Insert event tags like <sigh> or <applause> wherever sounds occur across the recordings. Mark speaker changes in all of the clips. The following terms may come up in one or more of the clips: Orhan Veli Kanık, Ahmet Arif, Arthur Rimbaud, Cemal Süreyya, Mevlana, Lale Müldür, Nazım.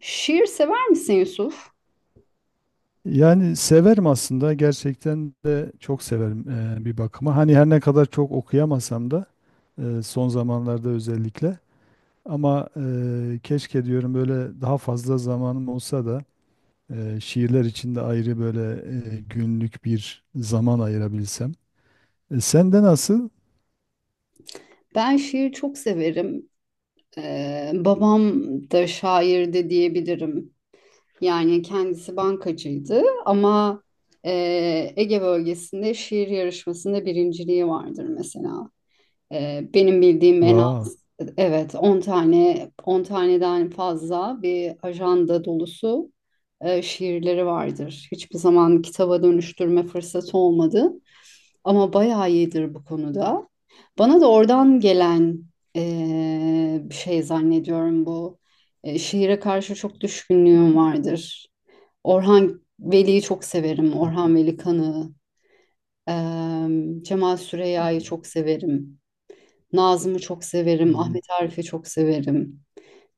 Speaker 1: Şiir sever misin Yusuf?
Speaker 2: Yani severim aslında gerçekten de çok severim bir bakıma. Hani her ne kadar çok okuyamasam da son zamanlarda özellikle ama keşke diyorum böyle daha fazla zamanım olsa da şiirler için de ayrı böyle günlük bir zaman ayırabilsem. Sende nasıl?
Speaker 1: Ben şiir çok severim. Babam da şairdi diyebilirim. Yani kendisi bankacıydı ama Ege bölgesinde şiir yarışmasında birinciliği vardır mesela. Benim bildiğim en az
Speaker 2: Vay.
Speaker 1: evet 10 tane 10 taneden fazla bir ajanda dolusu şiirleri vardır. Hiçbir zaman kitaba dönüştürme fırsatı olmadı, ama bayağı iyidir bu konuda. Bana da oradan gelen bir şey zannediyorum bu. Şiire karşı çok düşkünlüğüm vardır. Orhan Veli'yi çok severim. Orhan Veli Kanık'ı. Cemal Süreyya'yı çok severim. Nazım'ı çok severim. Ahmet Arif'i çok severim.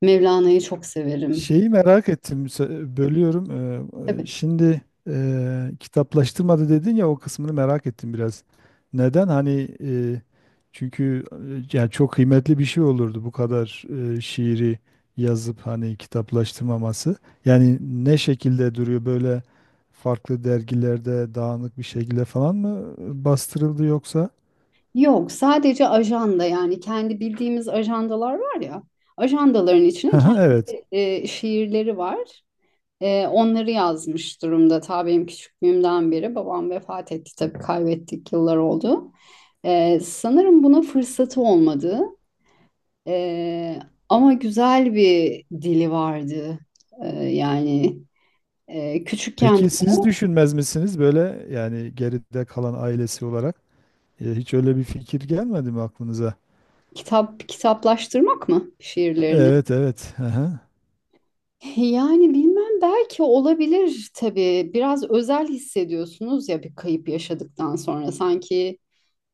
Speaker 1: Mevlana'yı çok severim.
Speaker 2: Şeyi merak ettim, bölüyorum.
Speaker 1: Tabii.
Speaker 2: Şimdi kitaplaştırmadı dedin ya, o kısmını merak ettim biraz. Neden? Hani, çünkü yani çok kıymetli bir şey olurdu bu kadar şiiri yazıp hani kitaplaştırmaması. Yani ne şekilde duruyor böyle, farklı dergilerde dağınık bir şekilde falan mı bastırıldı yoksa?
Speaker 1: Yok, sadece ajanda, yani kendi bildiğimiz ajandalar var ya. Ajandaların içine
Speaker 2: <laughs> Evet.
Speaker 1: kendi şiirleri var. Onları yazmış durumda. Ta benim küçüklüğümden beri, babam vefat etti tabii, kaybettik, yıllar oldu. Sanırım buna fırsatı olmadı. Ee, Ama güzel bir dili vardı. Ee, yani Küçükken
Speaker 2: Peki siz düşünmez misiniz böyle, yani geride kalan ailesi olarak? Hiç öyle bir fikir gelmedi mi aklınıza?
Speaker 1: kitap kitaplaştırmak mı şiirlerini?
Speaker 2: Evet, evet. Aha.
Speaker 1: <laughs> Yani bilmem, belki olabilir tabii. Biraz özel hissediyorsunuz ya, bir kayıp yaşadıktan sonra sanki.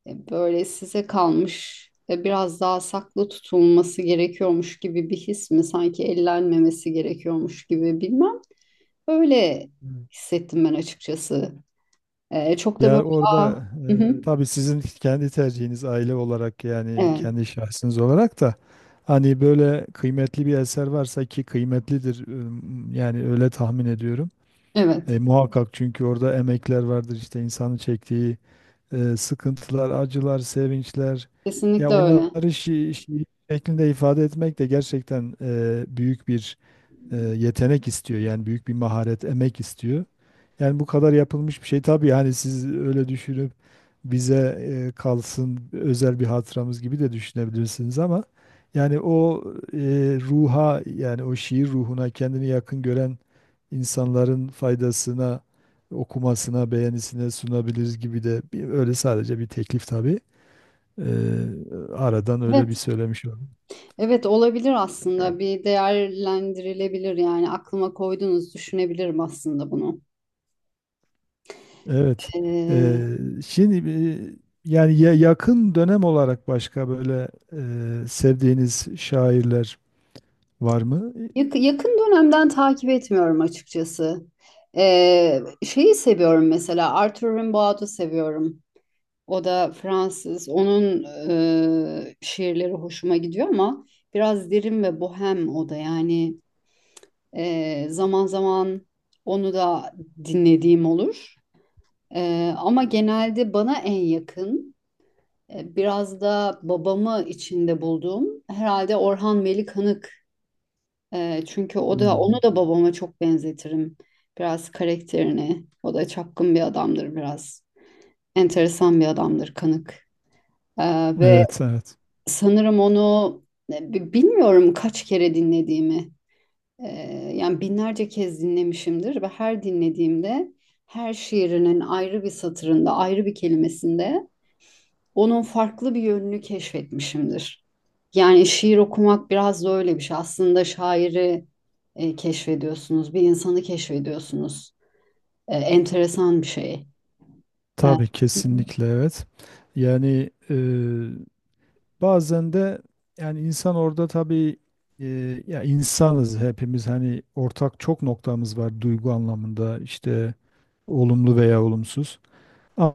Speaker 1: Böyle size kalmış ve biraz daha saklı tutulması gerekiyormuş gibi bir his mi? Sanki ellenmemesi gerekiyormuş gibi, bilmem. Öyle
Speaker 2: Evet.
Speaker 1: hissettim ben açıkçası. E, çok da böyle
Speaker 2: Ya
Speaker 1: aa,
Speaker 2: orada
Speaker 1: hı hı,
Speaker 2: tabii sizin kendi tercihiniz, aile olarak yani
Speaker 1: evet,
Speaker 2: kendi şahsınız olarak da hani böyle kıymetli bir eser varsa, ki kıymetlidir, yani öyle tahmin ediyorum.
Speaker 1: evet,
Speaker 2: Muhakkak, çünkü orada emekler vardır, işte insanın çektiği sıkıntılar, acılar, sevinçler. Ya
Speaker 1: kesinlikle öyle.
Speaker 2: onları şiir şeklinde ifade etmek de gerçekten büyük bir yetenek istiyor. Yani büyük bir maharet, emek istiyor. Yani bu kadar yapılmış bir şey, tabii yani siz öyle düşünüp bize kalsın, özel bir hatıramız gibi de düşünebilirsiniz, ama yani o e, ruha, yani o şiir ruhuna kendini yakın gören insanların faydasına, okumasına, beğenisine sunabiliriz gibi de bir, öyle sadece bir teklif tabii. E, Aradan öyle
Speaker 1: Evet,
Speaker 2: bir söylemiş.
Speaker 1: evet, olabilir aslında. Bir değerlendirilebilir, yani aklıma koydunuz, düşünebilirim aslında bunu.
Speaker 2: Evet.
Speaker 1: E,
Speaker 2: Eee, şimdi yani yakın dönem olarak başka böyle sevdiğiniz şairler var mı?
Speaker 1: Yakın dönemden takip etmiyorum açıkçası. Şeyi seviyorum mesela, Arthur Rimbaud'u seviyorum. O da Fransız. Onun şiirleri hoşuma gidiyor ama biraz derin ve bohem o da. Zaman zaman onu da dinlediğim olur. E, ama genelde bana en yakın, biraz da babamı içinde bulduğum herhalde Orhan Veli Kanık. Çünkü o da onu
Speaker 2: Hmm.
Speaker 1: da babama çok benzetirim. Biraz karakterini. O da çapkın bir adamdır biraz. Enteresan bir adamdır, Kanık. Ve
Speaker 2: Evet, evet.
Speaker 1: sanırım onu bilmiyorum kaç kere dinlediğimi. Ee, Yani binlerce kez dinlemişimdir ve her dinlediğimde her şiirinin ayrı bir satırında, ayrı bir kelimesinde onun farklı bir yönünü keşfetmişimdir. Yani şiir okumak biraz da öyle bir şey. Aslında şairi keşfediyorsunuz, bir insanı keşfediyorsunuz. Enteresan bir şey. E,
Speaker 2: Tabii, kesinlikle, evet. Yani bazen de, yani insan orada tabii ya, insanız hepimiz, hani ortak çok noktamız var duygu anlamında, işte olumlu veya olumsuz.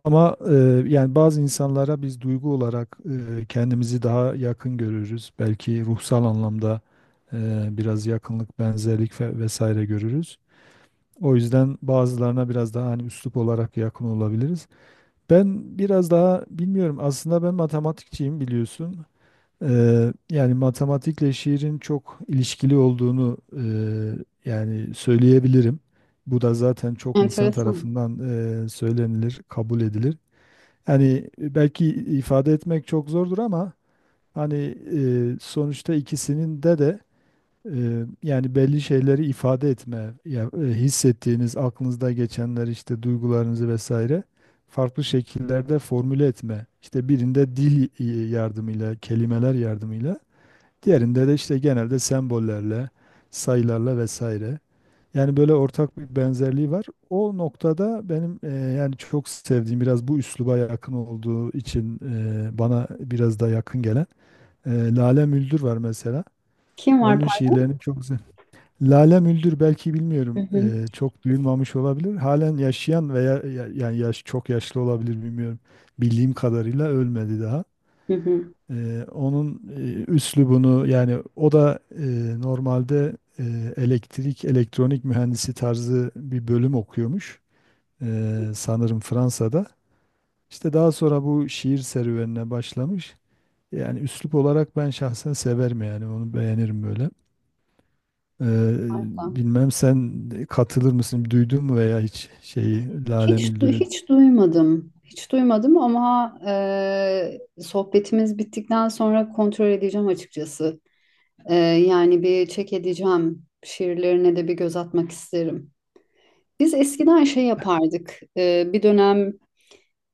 Speaker 2: Ama yani bazı insanlara biz duygu olarak kendimizi daha yakın görürüz. Belki ruhsal anlamda biraz yakınlık, benzerlik ve vesaire görürüz. O yüzden bazılarına biraz daha hani üslup olarak yakın olabiliriz. Ben biraz daha bilmiyorum. Aslında ben matematikçiyim, biliyorsun. Yani matematikle şiirin çok ilişkili olduğunu yani söyleyebilirim. Bu da zaten çok insan
Speaker 1: enteresan.
Speaker 2: tarafından söylenilir, kabul edilir. Yani belki ifade etmek çok zordur, ama hani sonuçta ikisinin de yani belli şeyleri ifade etme, ya, hissettiğiniz, aklınızda geçenler, işte duygularınızı vesaire farklı şekillerde formüle etme. İşte birinde dil yardımıyla, kelimeler yardımıyla, diğerinde de işte genelde sembollerle, sayılarla vesaire. Yani böyle ortak bir benzerliği var. O noktada benim yani çok sevdiğim, biraz bu üsluba yakın olduğu için bana biraz da yakın gelen Lale Müldür var mesela.
Speaker 1: Kim var?
Speaker 2: Onun
Speaker 1: Par-
Speaker 2: şiirlerini çok güzel. Lale Müldür, belki
Speaker 1: Hı
Speaker 2: bilmiyorum,
Speaker 1: hı.
Speaker 2: çok duyulmamış olabilir. Halen yaşayan veya yani yaş çok yaşlı olabilir, bilmiyorum. Bildiğim kadarıyla ölmedi daha.
Speaker 1: Hı hı.
Speaker 2: Onun üslubunu, yani o da normalde elektrik elektronik mühendisi tarzı bir bölüm okuyormuş. Sanırım Fransa'da. İşte daha sonra bu şiir serüvenine başlamış. Yani üslup olarak ben şahsen severim, yani onu beğenirim böyle. Ee,
Speaker 1: Harika.
Speaker 2: bilmem sen katılır mısın? Duydun mu veya hiç şeyi, Lale Müldür'ü?
Speaker 1: Hiç duymadım. Hiç duymadım ama sohbetimiz bittikten sonra kontrol edeceğim açıkçası. Yani bir çek edeceğim. Şiirlerine de bir göz atmak isterim. Biz eskiden şey yapardık. Bir dönem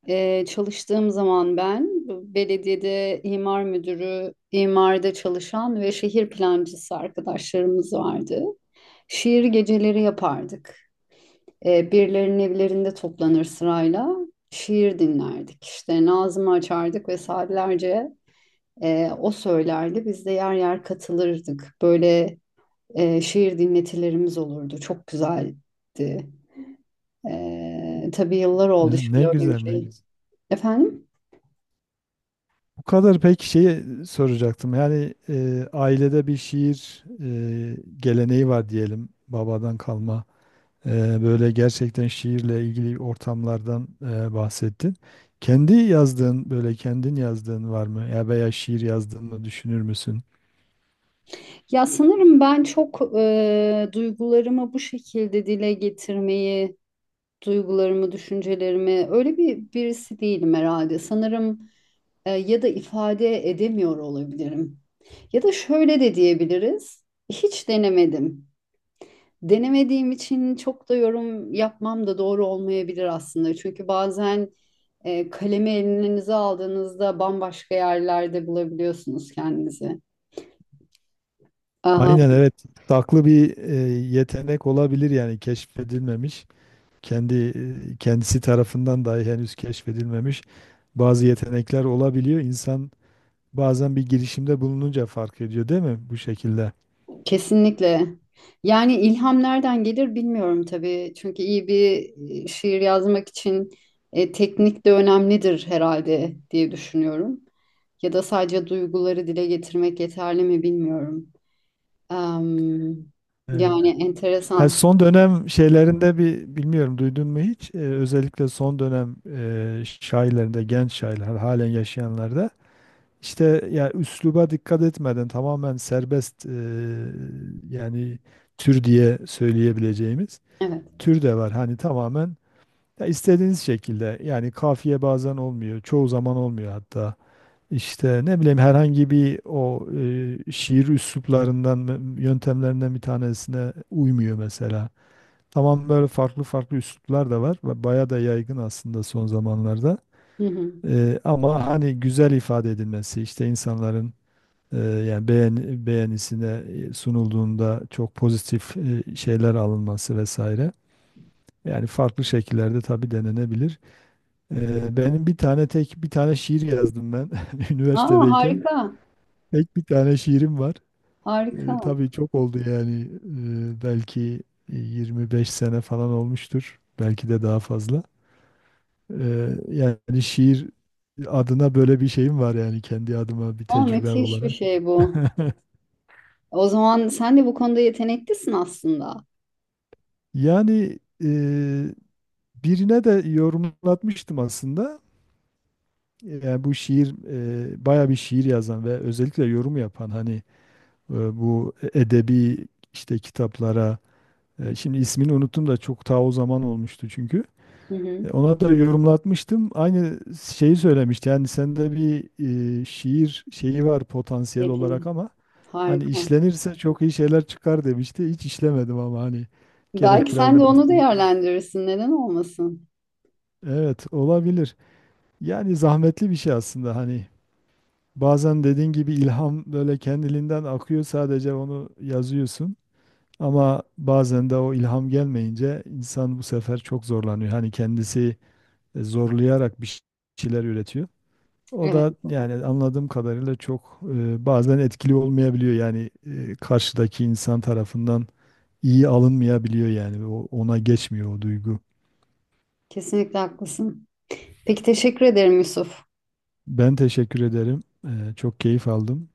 Speaker 1: çalıştığım zaman ben, belediyede imar müdürü, imarda çalışan ve şehir plancısı arkadaşlarımız vardı. Şiir geceleri yapardık. Birilerinin evlerinde toplanır, sırayla şiir dinlerdik. İşte Nazım'ı açardık ve saatlerce o söylerdi. Biz de yer yer katılırdık. Böyle şiir dinletilerimiz olurdu. Çok güzeldi. Tabii yıllar oldu şimdi
Speaker 2: Ne
Speaker 1: öyle bir
Speaker 2: güzel, ne
Speaker 1: şey.
Speaker 2: güzel.
Speaker 1: Efendim?
Speaker 2: Bu kadar, peki şeyi soracaktım. Yani ailede bir şiir geleneği var diyelim, babadan kalma. Böyle gerçekten şiirle ilgili ortamlardan bahsettin. Kendi yazdığın, böyle kendin yazdığın var mı? Ya, veya şiir yazdığını düşünür müsün?
Speaker 1: Ya sanırım ben çok duygularımı bu şekilde dile getirmeyi, duygularımı, düşüncelerimi öyle bir birisi değilim herhalde. Sanırım ya da ifade edemiyor olabilirim. Ya da şöyle de diyebiliriz. Hiç denemedim. Denemediğim için çok da yorum yapmam da doğru olmayabilir aslında. Çünkü bazen kalemi elinize aldığınızda bambaşka yerlerde bulabiliyorsunuz kendinizi. Aha,
Speaker 2: Aynen, evet. Saklı bir yetenek olabilir, yani keşfedilmemiş. Kendi kendisi tarafından dahi henüz keşfedilmemiş bazı yetenekler olabiliyor İnsan Bazen bir girişimde bulununca fark ediyor, değil mi, bu şekilde?
Speaker 1: kesinlikle. Yani ilham nereden gelir bilmiyorum tabii. Çünkü iyi bir şiir yazmak için teknik de önemlidir herhalde diye düşünüyorum. Ya da sadece duyguları dile getirmek yeterli mi bilmiyorum. Am,
Speaker 2: Evet.
Speaker 1: Yani enteresan.
Speaker 2: Son dönem şeylerinde bir bilmiyorum, duydun mu hiç? Özellikle son dönem şairlerinde, genç şairler, halen yaşayanlarda, işte ya üsluba dikkat etmeden tamamen serbest, yani tür diye söyleyebileceğimiz
Speaker 1: Evet.
Speaker 2: tür de var. Hani tamamen ya istediğiniz şekilde, yani kafiye bazen olmuyor, çoğu zaman olmuyor hatta. İşte ne bileyim, herhangi bir o şiir üsluplarından, yöntemlerinden bir tanesine uymuyor mesela. Tamam, böyle farklı farklı üsluplar da var ve baya da yaygın aslında son zamanlarda.
Speaker 1: Hı hı.
Speaker 2: Ama hani güzel ifade edilmesi, işte insanların yani beğenisine sunulduğunda çok pozitif şeyler alınması vesaire. Yani farklı şekillerde tabii denenebilir. Benim bir tane tek bir tane şiir yazdım ben <laughs>
Speaker 1: Aa,
Speaker 2: üniversitedeyken.
Speaker 1: harika.
Speaker 2: Tek bir tane şiirim var.
Speaker 1: Harika.
Speaker 2: Tabii çok oldu yani. Belki 25 sene falan olmuştur. Belki de daha fazla. Yani şiir adına böyle bir şeyim var, yani kendi adıma bir
Speaker 1: Aa,
Speaker 2: tecrübem
Speaker 1: müthiş bir
Speaker 2: olarak.
Speaker 1: şey bu.
Speaker 2: <laughs>
Speaker 1: O zaman sen de bu konuda yeteneklisin aslında.
Speaker 2: Yani e, birine de yorumlatmıştım aslında. Yani bu şiir baya bir şiir yazan ve özellikle yorum yapan hani bu edebi, işte kitaplara şimdi ismini unuttum da, çok ta o zaman olmuştu çünkü.
Speaker 1: Hı hı.
Speaker 2: Ona da yorumlatmıştım. Aynı şeyi söylemişti. Yani sende bir şiir şeyi var potansiyel olarak,
Speaker 1: Yetenek.
Speaker 2: ama hani
Speaker 1: Harika.
Speaker 2: işlenirse çok iyi şeyler çıkar, demişti. Hiç işlemedim, ama hani
Speaker 1: Belki
Speaker 2: gerek biraz.
Speaker 1: sen de onu değerlendirirsin. Neden olmasın?
Speaker 2: Evet, olabilir. Yani zahmetli bir şey aslında, hani bazen dediğin gibi ilham böyle kendiliğinden akıyor, sadece onu yazıyorsun. Ama bazen de o ilham gelmeyince insan bu sefer çok zorlanıyor. Hani kendisi zorlayarak bir şeyler üretiyor. O
Speaker 1: Evet.
Speaker 2: da yani anladığım kadarıyla çok bazen etkili olmayabiliyor. Yani karşıdaki insan tarafından iyi alınmayabiliyor yani. O, ona geçmiyor o duygu.
Speaker 1: Kesinlikle haklısın. Peki teşekkür ederim Yusuf.
Speaker 2: Ben teşekkür ederim. Çok keyif aldım.